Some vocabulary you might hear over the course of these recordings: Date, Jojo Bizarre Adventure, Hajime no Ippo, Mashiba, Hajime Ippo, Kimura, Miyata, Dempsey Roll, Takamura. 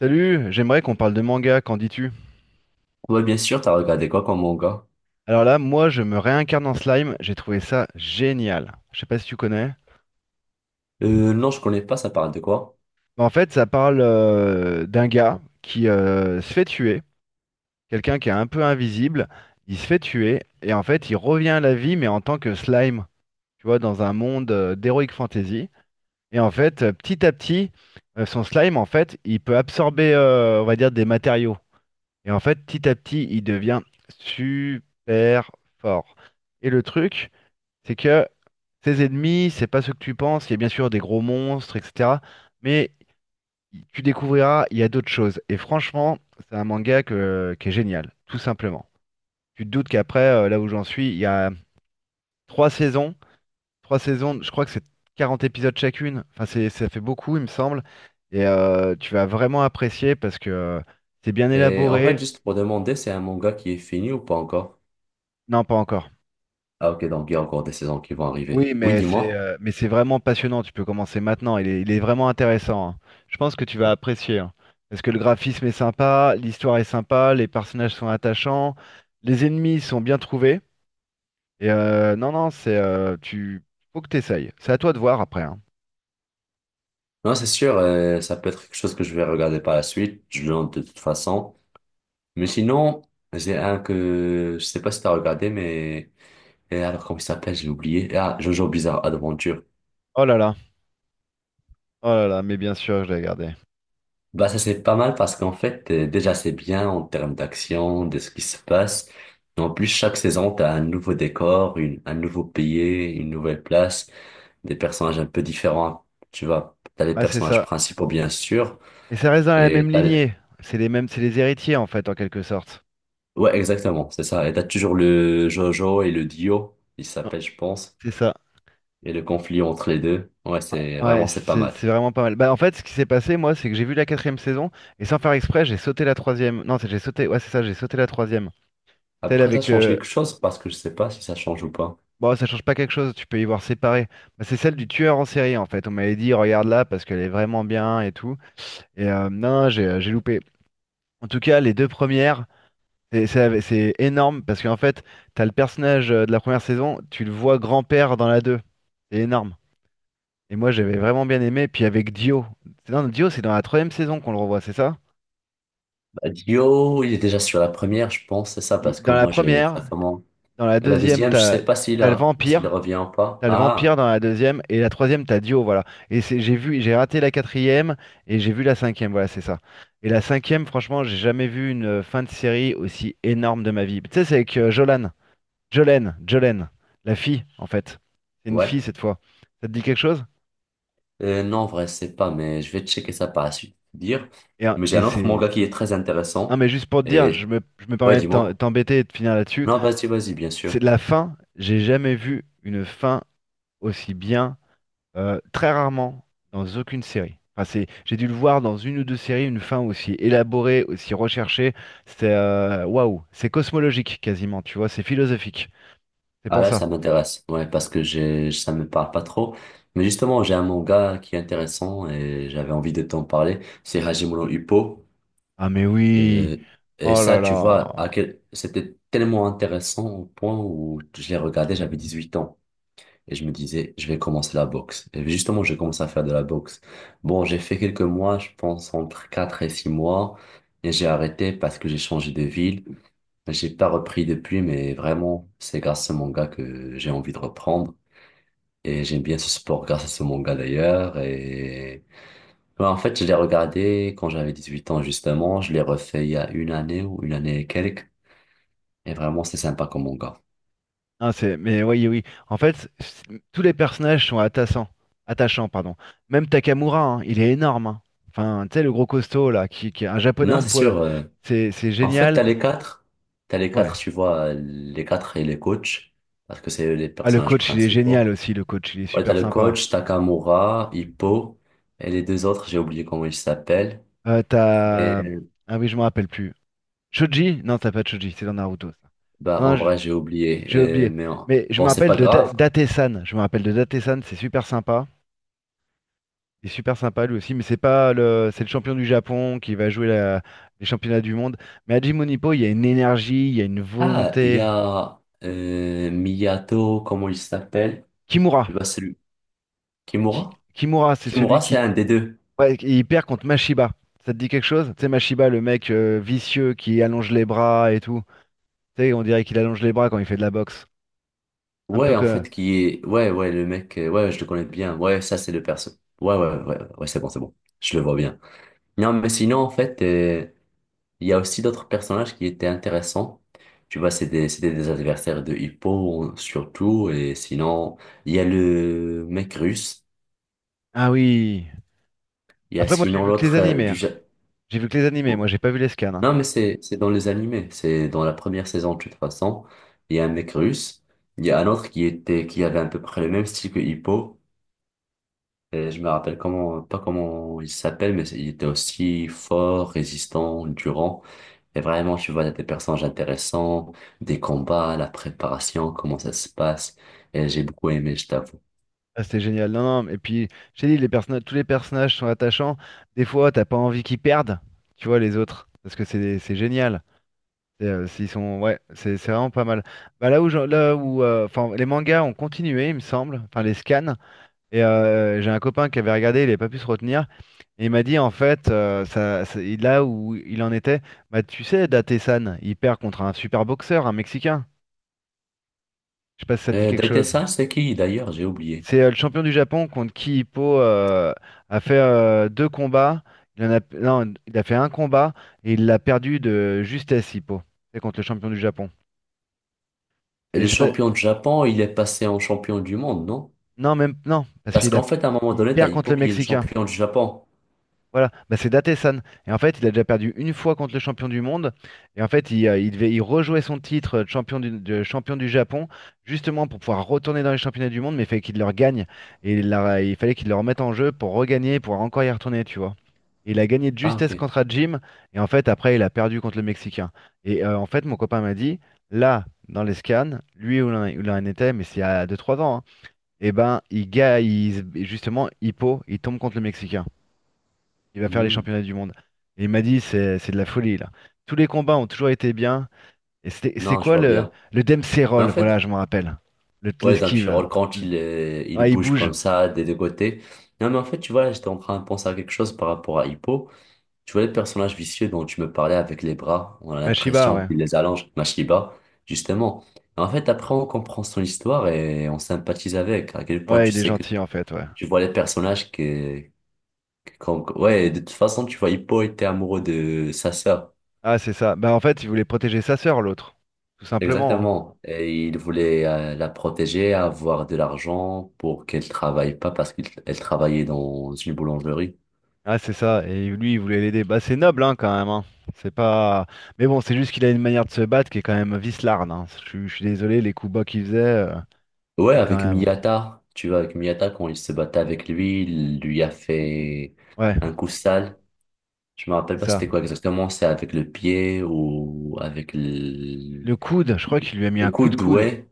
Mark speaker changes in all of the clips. Speaker 1: Salut, j'aimerais qu'on parle de manga, qu'en dis-tu?
Speaker 2: Ouais, bien sûr, t'as regardé quoi comme manga?
Speaker 1: Alors là, moi, je me réincarne en slime, j'ai trouvé ça génial. Je sais pas si tu connais.
Speaker 2: Non, je connais pas, ça parle de quoi?
Speaker 1: Mais en fait, ça parle d'un gars qui se fait tuer, quelqu'un qui est un peu invisible, il se fait tuer, et en fait, il revient à la vie, mais en tant que slime, tu vois, dans un monde d'heroic fantasy. Et en fait, petit à petit, son slime, en fait, il peut absorber, on va dire, des matériaux. Et en fait, petit à petit, il devient super fort. Et le truc, c'est que ces ennemis, c'est pas ce que tu penses. Il y a bien sûr des gros monstres, etc. Mais tu découvriras, il y a d'autres choses. Et franchement, c'est un manga qui est génial, tout simplement. Tu te doutes qu'après, là où j'en suis, il y a trois saisons. Trois saisons, je crois que c'est 40 épisodes chacune. Enfin, c'est, ça fait beaucoup, il me semble. Et tu vas vraiment apprécier parce que c'est bien
Speaker 2: Et en fait,
Speaker 1: élaboré.
Speaker 2: juste pour demander, c'est un manga qui est fini ou pas encore?
Speaker 1: Non, pas encore.
Speaker 2: Ah, ok, donc il y a encore des saisons qui vont arriver.
Speaker 1: Oui,
Speaker 2: Oui,
Speaker 1: mais c'est
Speaker 2: dis-moi.
Speaker 1: euh, mais c'est vraiment passionnant. Tu peux commencer maintenant. Il est vraiment intéressant, hein. Je pense que tu vas apprécier, hein. Parce que le graphisme est sympa, l'histoire est sympa, les personnages sont attachants, les ennemis sont bien trouvés. Et non, non, c'est tu faut que t'essayes. C'est à toi de voir après, hein.
Speaker 2: Non, c'est sûr, ça peut être quelque chose que je vais regarder par la suite, je le note de toute façon. Mais sinon, j'ai un que je sais pas si t'as regardé, mais. Et alors, comment il s'appelle? J'ai oublié. Ah, Jojo Bizarre Adventure.
Speaker 1: Oh là là, oh là là, mais bien sûr, je l'ai gardé.
Speaker 2: Bah ça c'est pas mal parce qu'en fait déjà c'est bien en termes d'action, de ce qui se passe. En plus chaque saison t'as un nouveau décor, une, un nouveau pays, une nouvelle place, des personnages un peu différents. Tu vois, t'as les
Speaker 1: Ah, c'est
Speaker 2: personnages
Speaker 1: ça.
Speaker 2: principaux bien sûr.
Speaker 1: Mais ça reste dans la
Speaker 2: Et
Speaker 1: même
Speaker 2: t'as...
Speaker 1: lignée. C'est les mêmes, c'est les héritiers en fait, en quelque sorte.
Speaker 2: Ouais exactement, c'est ça. Et t'as toujours le Jojo et le Dio, il
Speaker 1: Ouais,
Speaker 2: s'appelle je pense,
Speaker 1: c'est ça.
Speaker 2: et le conflit entre les deux. Ouais c'est
Speaker 1: Ouais,
Speaker 2: vraiment c'est pas
Speaker 1: c'est
Speaker 2: mal.
Speaker 1: c'est vraiment pas mal. Bah, en fait, ce qui s'est passé, moi, c'est que j'ai vu la quatrième saison et sans faire exprès, j'ai sauté la troisième. Non, c'est j'ai sauté. Ouais, c'est ça, j'ai sauté la troisième. Celle
Speaker 2: Après ça
Speaker 1: avec
Speaker 2: change
Speaker 1: le.
Speaker 2: quelque chose parce que je sais pas si ça change ou pas.
Speaker 1: Bon, ça change pas quelque chose. Tu peux y voir séparé. Bah, c'est celle du tueur en série, en fait. On m'avait dit, regarde là parce qu'elle est vraiment bien et tout. Et non, j'ai loupé. En tout cas, les deux premières, c'est énorme parce qu'en fait, t'as le personnage de la première saison, tu le vois grand-père dans la deux. C'est énorme. Et moi, j'avais vraiment bien aimé. Puis avec Dio. Non, Dio, c'est dans la troisième saison qu'on le revoit, c'est ça?
Speaker 2: Dio, il est déjà sur la première, je pense, c'est ça, parce que
Speaker 1: Dans la
Speaker 2: moi, j'ai sa
Speaker 1: première,
Speaker 2: femme.
Speaker 1: dans la
Speaker 2: Et la
Speaker 1: deuxième,
Speaker 2: deuxième, je
Speaker 1: t'as
Speaker 2: sais pas
Speaker 1: le
Speaker 2: s'il
Speaker 1: vampire,
Speaker 2: revient ou pas.
Speaker 1: t'as le vampire
Speaker 2: Ah,
Speaker 1: dans la deuxième, et la troisième, t'as Dio, voilà. Et c'est, j'ai vu, j'ai raté la quatrième, et j'ai vu la cinquième, voilà, c'est ça. Et la cinquième, franchement, j'ai jamais vu une fin de série aussi énorme de ma vie. Tu sais, c'est avec Jolan, Jolene, Jolene, la fille, en fait. C'est une fille
Speaker 2: ouais.
Speaker 1: cette fois. Ça te dit quelque chose?
Speaker 2: Non, en vrai, je sais pas, mais je vais checker ça par la suite, te dire.
Speaker 1: Et, euh,
Speaker 2: Mais j'ai
Speaker 1: et
Speaker 2: un autre
Speaker 1: c'est.
Speaker 2: manga qui est très
Speaker 1: Non,
Speaker 2: intéressant.
Speaker 1: mais juste pour te dire, je
Speaker 2: Et,
Speaker 1: me, je me
Speaker 2: ouais,
Speaker 1: permets de
Speaker 2: dis-moi.
Speaker 1: t'embêter et de finir là-dessus.
Speaker 2: Non, vas-y, vas-y, bien sûr.
Speaker 1: C'est la fin, j'ai jamais vu une fin aussi bien. Très rarement dans aucune série. Enfin, c'est, j'ai dû le voir dans une ou deux séries, une fin aussi élaborée, aussi recherchée. C'est waouh, c'est cosmologique quasiment, tu vois, c'est philosophique. C'est
Speaker 2: Ah
Speaker 1: pour
Speaker 2: là,
Speaker 1: ça.
Speaker 2: ça m'intéresse. Ouais, parce que j'ai, ça me parle pas trop. Mais justement, j'ai un manga qui est intéressant et j'avais envie de t'en parler. C'est Hajime no Ippo.
Speaker 1: Ah mais oui,
Speaker 2: Euh, et
Speaker 1: oh
Speaker 2: ça,
Speaker 1: là
Speaker 2: tu
Speaker 1: là,
Speaker 2: vois, c'était tellement intéressant au point où je l'ai regardé, j'avais 18 ans. Et je me disais, je vais commencer la boxe. Et justement, j'ai commencé à faire de la boxe. Bon, j'ai fait quelques mois, je pense entre 4 et 6 mois. Et j'ai arrêté parce que j'ai changé de ville. J'ai pas repris depuis, mais vraiment, c'est grâce à ce manga que j'ai envie de reprendre. Et j'aime bien ce sport grâce à ce manga d'ailleurs. Et ouais, en fait, je l'ai regardé quand j'avais 18 ans, justement. Je l'ai refait il y a une année ou une année et quelques. Et vraiment, c'est sympa comme manga.
Speaker 1: ah, c'est, mais oui oui. En fait, tous les personnages sont attachants, attachants pardon. Même Takamura, hein, il est énorme, hein. Enfin, tu sais le gros costaud là, qui est un japonais
Speaker 2: Non,
Speaker 1: en
Speaker 2: c'est
Speaker 1: poil,
Speaker 2: sûr.
Speaker 1: c'est
Speaker 2: En fait,
Speaker 1: génial.
Speaker 2: t'as les quatre. T'as les
Speaker 1: Ouais.
Speaker 2: quatre, tu vois, les quatre et les coachs. Parce que c'est eux les
Speaker 1: Ah, le
Speaker 2: personnages
Speaker 1: coach, il est génial
Speaker 2: principaux.
Speaker 1: aussi. Le coach, il est
Speaker 2: Ouais, t'as
Speaker 1: super
Speaker 2: le
Speaker 1: sympa.
Speaker 2: coach, Takamura, Hippo. Et les deux autres, j'ai oublié comment ils s'appellent.
Speaker 1: Euh,
Speaker 2: Et
Speaker 1: t'as... Ah oui, je me rappelle plus. Choji? Non, t'as pas de Choji, c'est dans Naruto, ça.
Speaker 2: bah,
Speaker 1: Non,
Speaker 2: en vrai, j'ai oublié.
Speaker 1: j'ai oublié. Mais je me
Speaker 2: Bon, c'est
Speaker 1: rappelle
Speaker 2: pas
Speaker 1: de
Speaker 2: grave.
Speaker 1: Date-san. Je me rappelle de Date-san, c'est super sympa. Il est super sympa lui aussi, mais c'est pas le. C'est le champion du Japon qui va jouer les championnats du monde. Mais à Hajime Ippo, il y a une énergie, il y a une
Speaker 2: Ah, il y
Speaker 1: volonté.
Speaker 2: a Miyato, comment il s'appelle?
Speaker 1: Kimura.
Speaker 2: Tu vois, celui.
Speaker 1: Ki-
Speaker 2: Kimura?
Speaker 1: Kimura, c'est celui
Speaker 2: Kimura, c'est
Speaker 1: qui.
Speaker 2: un des deux.
Speaker 1: Ouais, il perd contre Mashiba. Ça te dit quelque chose? Tu sais, Mashiba, le mec vicieux qui allonge les bras et tout. Tu sais, on dirait qu'il allonge les bras quand il fait de la boxe. Un peu
Speaker 2: Ouais, en
Speaker 1: que.
Speaker 2: fait, qui est... Ouais, ouais, le mec, ouais, je le connais bien. Ouais, ça, c'est le perso. Ouais, ouais, ouais, ouais, c'est bon, c'est bon. Je le vois bien. Non, mais sinon, en fait, il y a aussi d'autres personnages qui étaient intéressants. Tu vois, c'était des adversaires de Hippo, surtout. Et sinon, il y a le mec russe.
Speaker 1: Ah oui.
Speaker 2: Il y a
Speaker 1: Après, moi, j'ai
Speaker 2: sinon
Speaker 1: vu que les
Speaker 2: l'autre
Speaker 1: animés, hein. J'ai vu que les animés. Moi,
Speaker 2: Oh.
Speaker 1: j'ai pas vu les scans, hein.
Speaker 2: Non, mais c'est dans les animés. C'est dans la première saison, de toute façon. Il y a un mec russe. Il y a un autre qui avait à peu près le même style que Hippo. Et je me rappelle comment, pas comment il s'appelle, mais il était aussi fort, résistant, durant. Et vraiment, tu vois, il y a des personnages intéressants, des combats, la préparation, comment ça se passe. Et j'ai beaucoup aimé, je t'avoue.
Speaker 1: Ah, c'était génial. Non, non. Et puis, j'ai dit, les personnages, tous les personnages sont attachants. Des fois, t'as pas envie qu'ils perdent. Tu vois les autres, parce que c'est génial. Et, s'ils sont, ouais, c'est vraiment pas mal. Bah, là où, j'en- là où, enfin, les mangas ont continué, il me semble. Enfin, les scans. Et j'ai un copain qui avait regardé, il avait pas pu se retenir. Et il m'a dit en fait, là où il en était, bah tu sais, Date-san, il perd contre un super boxeur, un Mexicain. Je sais pas si ça te dit
Speaker 2: Et
Speaker 1: quelque chose.
Speaker 2: Daite-san, c'est qui d'ailleurs? J'ai oublié.
Speaker 1: C'est le champion du Japon contre qui Hippo a fait deux combats. Il en a. Non, il a fait un combat et il l'a perdu de justesse, Hippo. C'est contre le champion du Japon.
Speaker 2: Et
Speaker 1: Et
Speaker 2: le
Speaker 1: je sais pas.
Speaker 2: champion du Japon, il est passé en champion du monde, non?
Speaker 1: Non, même. Non, parce
Speaker 2: Parce
Speaker 1: qu'il a,
Speaker 2: qu'en fait, à un moment
Speaker 1: il
Speaker 2: donné, t'as
Speaker 1: perd contre
Speaker 2: Hippo
Speaker 1: le
Speaker 2: qui est le
Speaker 1: Mexicain.
Speaker 2: champion du Japon.
Speaker 1: Voilà, bah, c'est Datesan. Et en fait, il a déjà perdu une fois contre le champion du monde. Et en fait, il devait il rejouait son titre de champion du Japon, justement pour pouvoir retourner dans les championnats du monde, mais il fallait qu'il le regagne. Et il fallait qu'il le remette en jeu pour regagner, pour encore y retourner, tu vois. Et il a gagné de
Speaker 2: Ah,
Speaker 1: justesse
Speaker 2: ok.
Speaker 1: contre Jim. Et en fait, après, il a perdu contre le Mexicain. Et en fait, mon copain m'a dit, là, dans les scans, lui où où il en était, mais c'est il y a 2-3 ans, hein, et ben, il, ga- il, se- justement, Hippo, il tombe contre le Mexicain. Il va faire les
Speaker 2: Hmm.
Speaker 1: championnats du monde. Et il m'a dit, c'est de la folie, là. Tous les combats ont toujours été bien. Et c'était c'est
Speaker 2: Non, je
Speaker 1: quoi
Speaker 2: vois
Speaker 1: le,
Speaker 2: bien.
Speaker 1: le Dempsey
Speaker 2: Mais en
Speaker 1: Roll, voilà,
Speaker 2: fait,
Speaker 1: je m'en rappelle. Le
Speaker 2: ouais, d'un
Speaker 1: L'esquive,
Speaker 2: petit
Speaker 1: là.
Speaker 2: roll quand il
Speaker 1: Ouais, il
Speaker 2: bouge
Speaker 1: bouge.
Speaker 2: comme ça des deux côtés. Non, mais en fait, tu vois, j'étais en train de penser à quelque chose par rapport à Hippo. Tu vois, les personnages vicieux dont tu me parlais avec les bras, on a
Speaker 1: Mashiba,
Speaker 2: l'impression
Speaker 1: ouais.
Speaker 2: qu'il les allonge, Mashiba, justement. Et en fait, après, on comprend son histoire et on sympathise avec. À quel point
Speaker 1: Ouais,
Speaker 2: tu
Speaker 1: il est
Speaker 2: sais que
Speaker 1: gentil, en fait, ouais.
Speaker 2: tu vois les personnages ouais, de toute façon, tu vois, Hippo était amoureux de sa sœur.
Speaker 1: Ah, c'est ça. Bah, en fait, il voulait protéger sa sœur, l'autre. Tout simplement, hein.
Speaker 2: Exactement. Et il voulait la protéger, avoir de l'argent pour qu'elle travaille pas parce qu'elle travaillait dans une boulangerie.
Speaker 1: Ah, c'est ça. Et lui, il voulait l'aider. Bah, c'est noble, hein, quand même, hein. C'est pas. Mais bon, c'est juste qu'il a une manière de se battre qui est quand même vicelarde, hein. Je suis désolé, les coups bas qu'il faisait, euh,
Speaker 2: Ouais,
Speaker 1: c'est quand
Speaker 2: avec
Speaker 1: même.
Speaker 2: Miyata. Tu vois, avec Miyata, quand il se battait avec lui, il lui a fait
Speaker 1: Ouais,
Speaker 2: un coup sale. Je me
Speaker 1: c'est
Speaker 2: rappelle pas
Speaker 1: ça.
Speaker 2: c'était quoi exactement. C'est avec le pied ou avec
Speaker 1: Le coude, je crois qu'il lui a mis
Speaker 2: le
Speaker 1: un coup de
Speaker 2: coude,
Speaker 1: coude.
Speaker 2: ouais.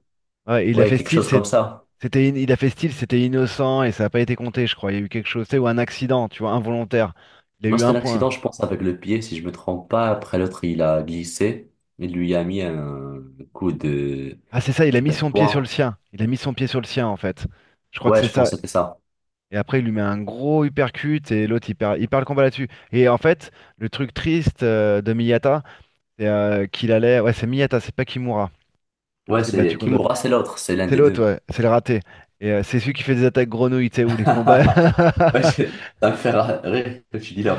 Speaker 1: Ouais,
Speaker 2: Ouais, quelque chose comme ça.
Speaker 1: il a fait style, c'était innocent et ça n'a pas été compté, je crois. Il y a eu quelque chose, tu sais, ou un accident, tu vois, involontaire. Il a
Speaker 2: Non,
Speaker 1: eu
Speaker 2: c'était
Speaker 1: un point.
Speaker 2: l'accident, je pense, avec le pied, si je me trompe pas. Après, l'autre, il a glissé. Il lui a mis un coup de...
Speaker 1: Ah, c'est ça, il a
Speaker 2: Tu
Speaker 1: mis
Speaker 2: vois, de
Speaker 1: son pied sur le
Speaker 2: poing.
Speaker 1: sien. Il a mis son pied sur le sien, en fait. Je crois que
Speaker 2: Ouais,
Speaker 1: c'est
Speaker 2: je
Speaker 1: ça.
Speaker 2: pense que c'était ça.
Speaker 1: Et après, il lui met un gros uppercut et l'autre, il perd le combat là-dessus. Et en fait, le truc triste de Miyata, c'est qu'il allait. Ouais, c'est Miyata, c'est pas Kimura
Speaker 2: Ouais,
Speaker 1: qui s'est battu
Speaker 2: c'est...
Speaker 1: contre l'autre.
Speaker 2: Kimura, c'est l'autre. C'est l'un
Speaker 1: C'est
Speaker 2: des
Speaker 1: l'autre,
Speaker 2: deux.
Speaker 1: ouais, c'est le raté. Et c'est celui qui fait des attaques grenouilles, tu sais, ou les combats.
Speaker 2: Ouais, je- ça me fait rire que tu dis là.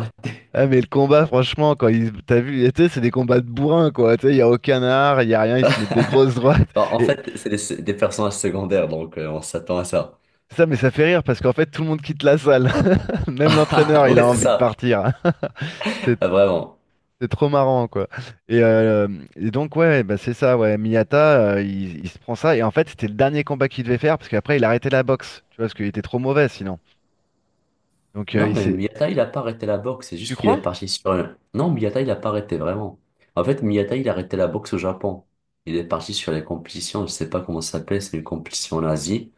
Speaker 1: Ah, mais le combat, franchement, quand ils t'as vu, tu sais, c'est des combats de bourrin, quoi, tu sais, il y a aucun art, il y a rien, ils se mettent des grosses droites,
Speaker 2: Bon, en
Speaker 1: et
Speaker 2: fait, des personnages secondaires, donc on s'attend à ça.
Speaker 1: ça, mais ça fait rire parce qu'en fait tout le monde quitte la salle. Même l'entraîneur, il a
Speaker 2: Ouais, c'est
Speaker 1: envie de
Speaker 2: ça.
Speaker 1: partir. c'était
Speaker 2: Ah, vraiment.
Speaker 1: c'était trop marrant, quoi. Et, euh, et donc, ouais, bah c'est ça, ouais, Miyata, il se prend ça et en fait c'était le dernier combat qu'il devait faire parce qu'après il a arrêté la boxe, tu vois, parce qu'il était trop mauvais sinon. Donc
Speaker 2: Non,
Speaker 1: il
Speaker 2: mais
Speaker 1: s'est.
Speaker 2: Miyata, il a pas arrêté la boxe, c'est
Speaker 1: Tu
Speaker 2: juste qu'il est
Speaker 1: crois?
Speaker 2: parti sur un... Non, Miyata, il a pas arrêté vraiment. En fait, Miyata, il a arrêté la boxe au Japon. Il est parti sur les compétitions, je sais pas comment ça s'appelle, c'est une compétition en Asie.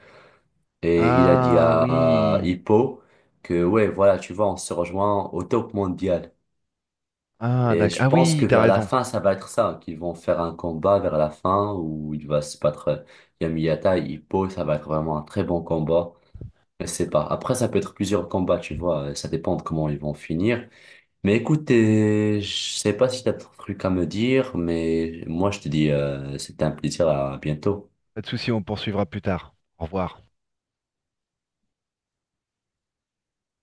Speaker 2: Et il a dit
Speaker 1: Ah
Speaker 2: à
Speaker 1: oui,
Speaker 2: Hippo que, ouais, voilà, tu vois, on se rejoint au top mondial.
Speaker 1: ah
Speaker 2: Et
Speaker 1: d'accord,
Speaker 2: je
Speaker 1: ah
Speaker 2: pense
Speaker 1: oui,
Speaker 2: que
Speaker 1: t'as
Speaker 2: vers la
Speaker 1: raison.
Speaker 2: fin, ça va être ça, qu'ils vont faire un combat vers la fin où il va se battre il y a Miyata et Hippo, ça va être vraiment un très bon combat. Je sais pas. Après, ça peut être plusieurs combats, tu vois, ça dépend de comment ils vont finir. Mais écoute, je sais pas si tu as un truc à me dire, mais moi je te dis, c'était un plaisir, à bientôt.
Speaker 1: Pas de souci, on poursuivra plus tard. Au revoir.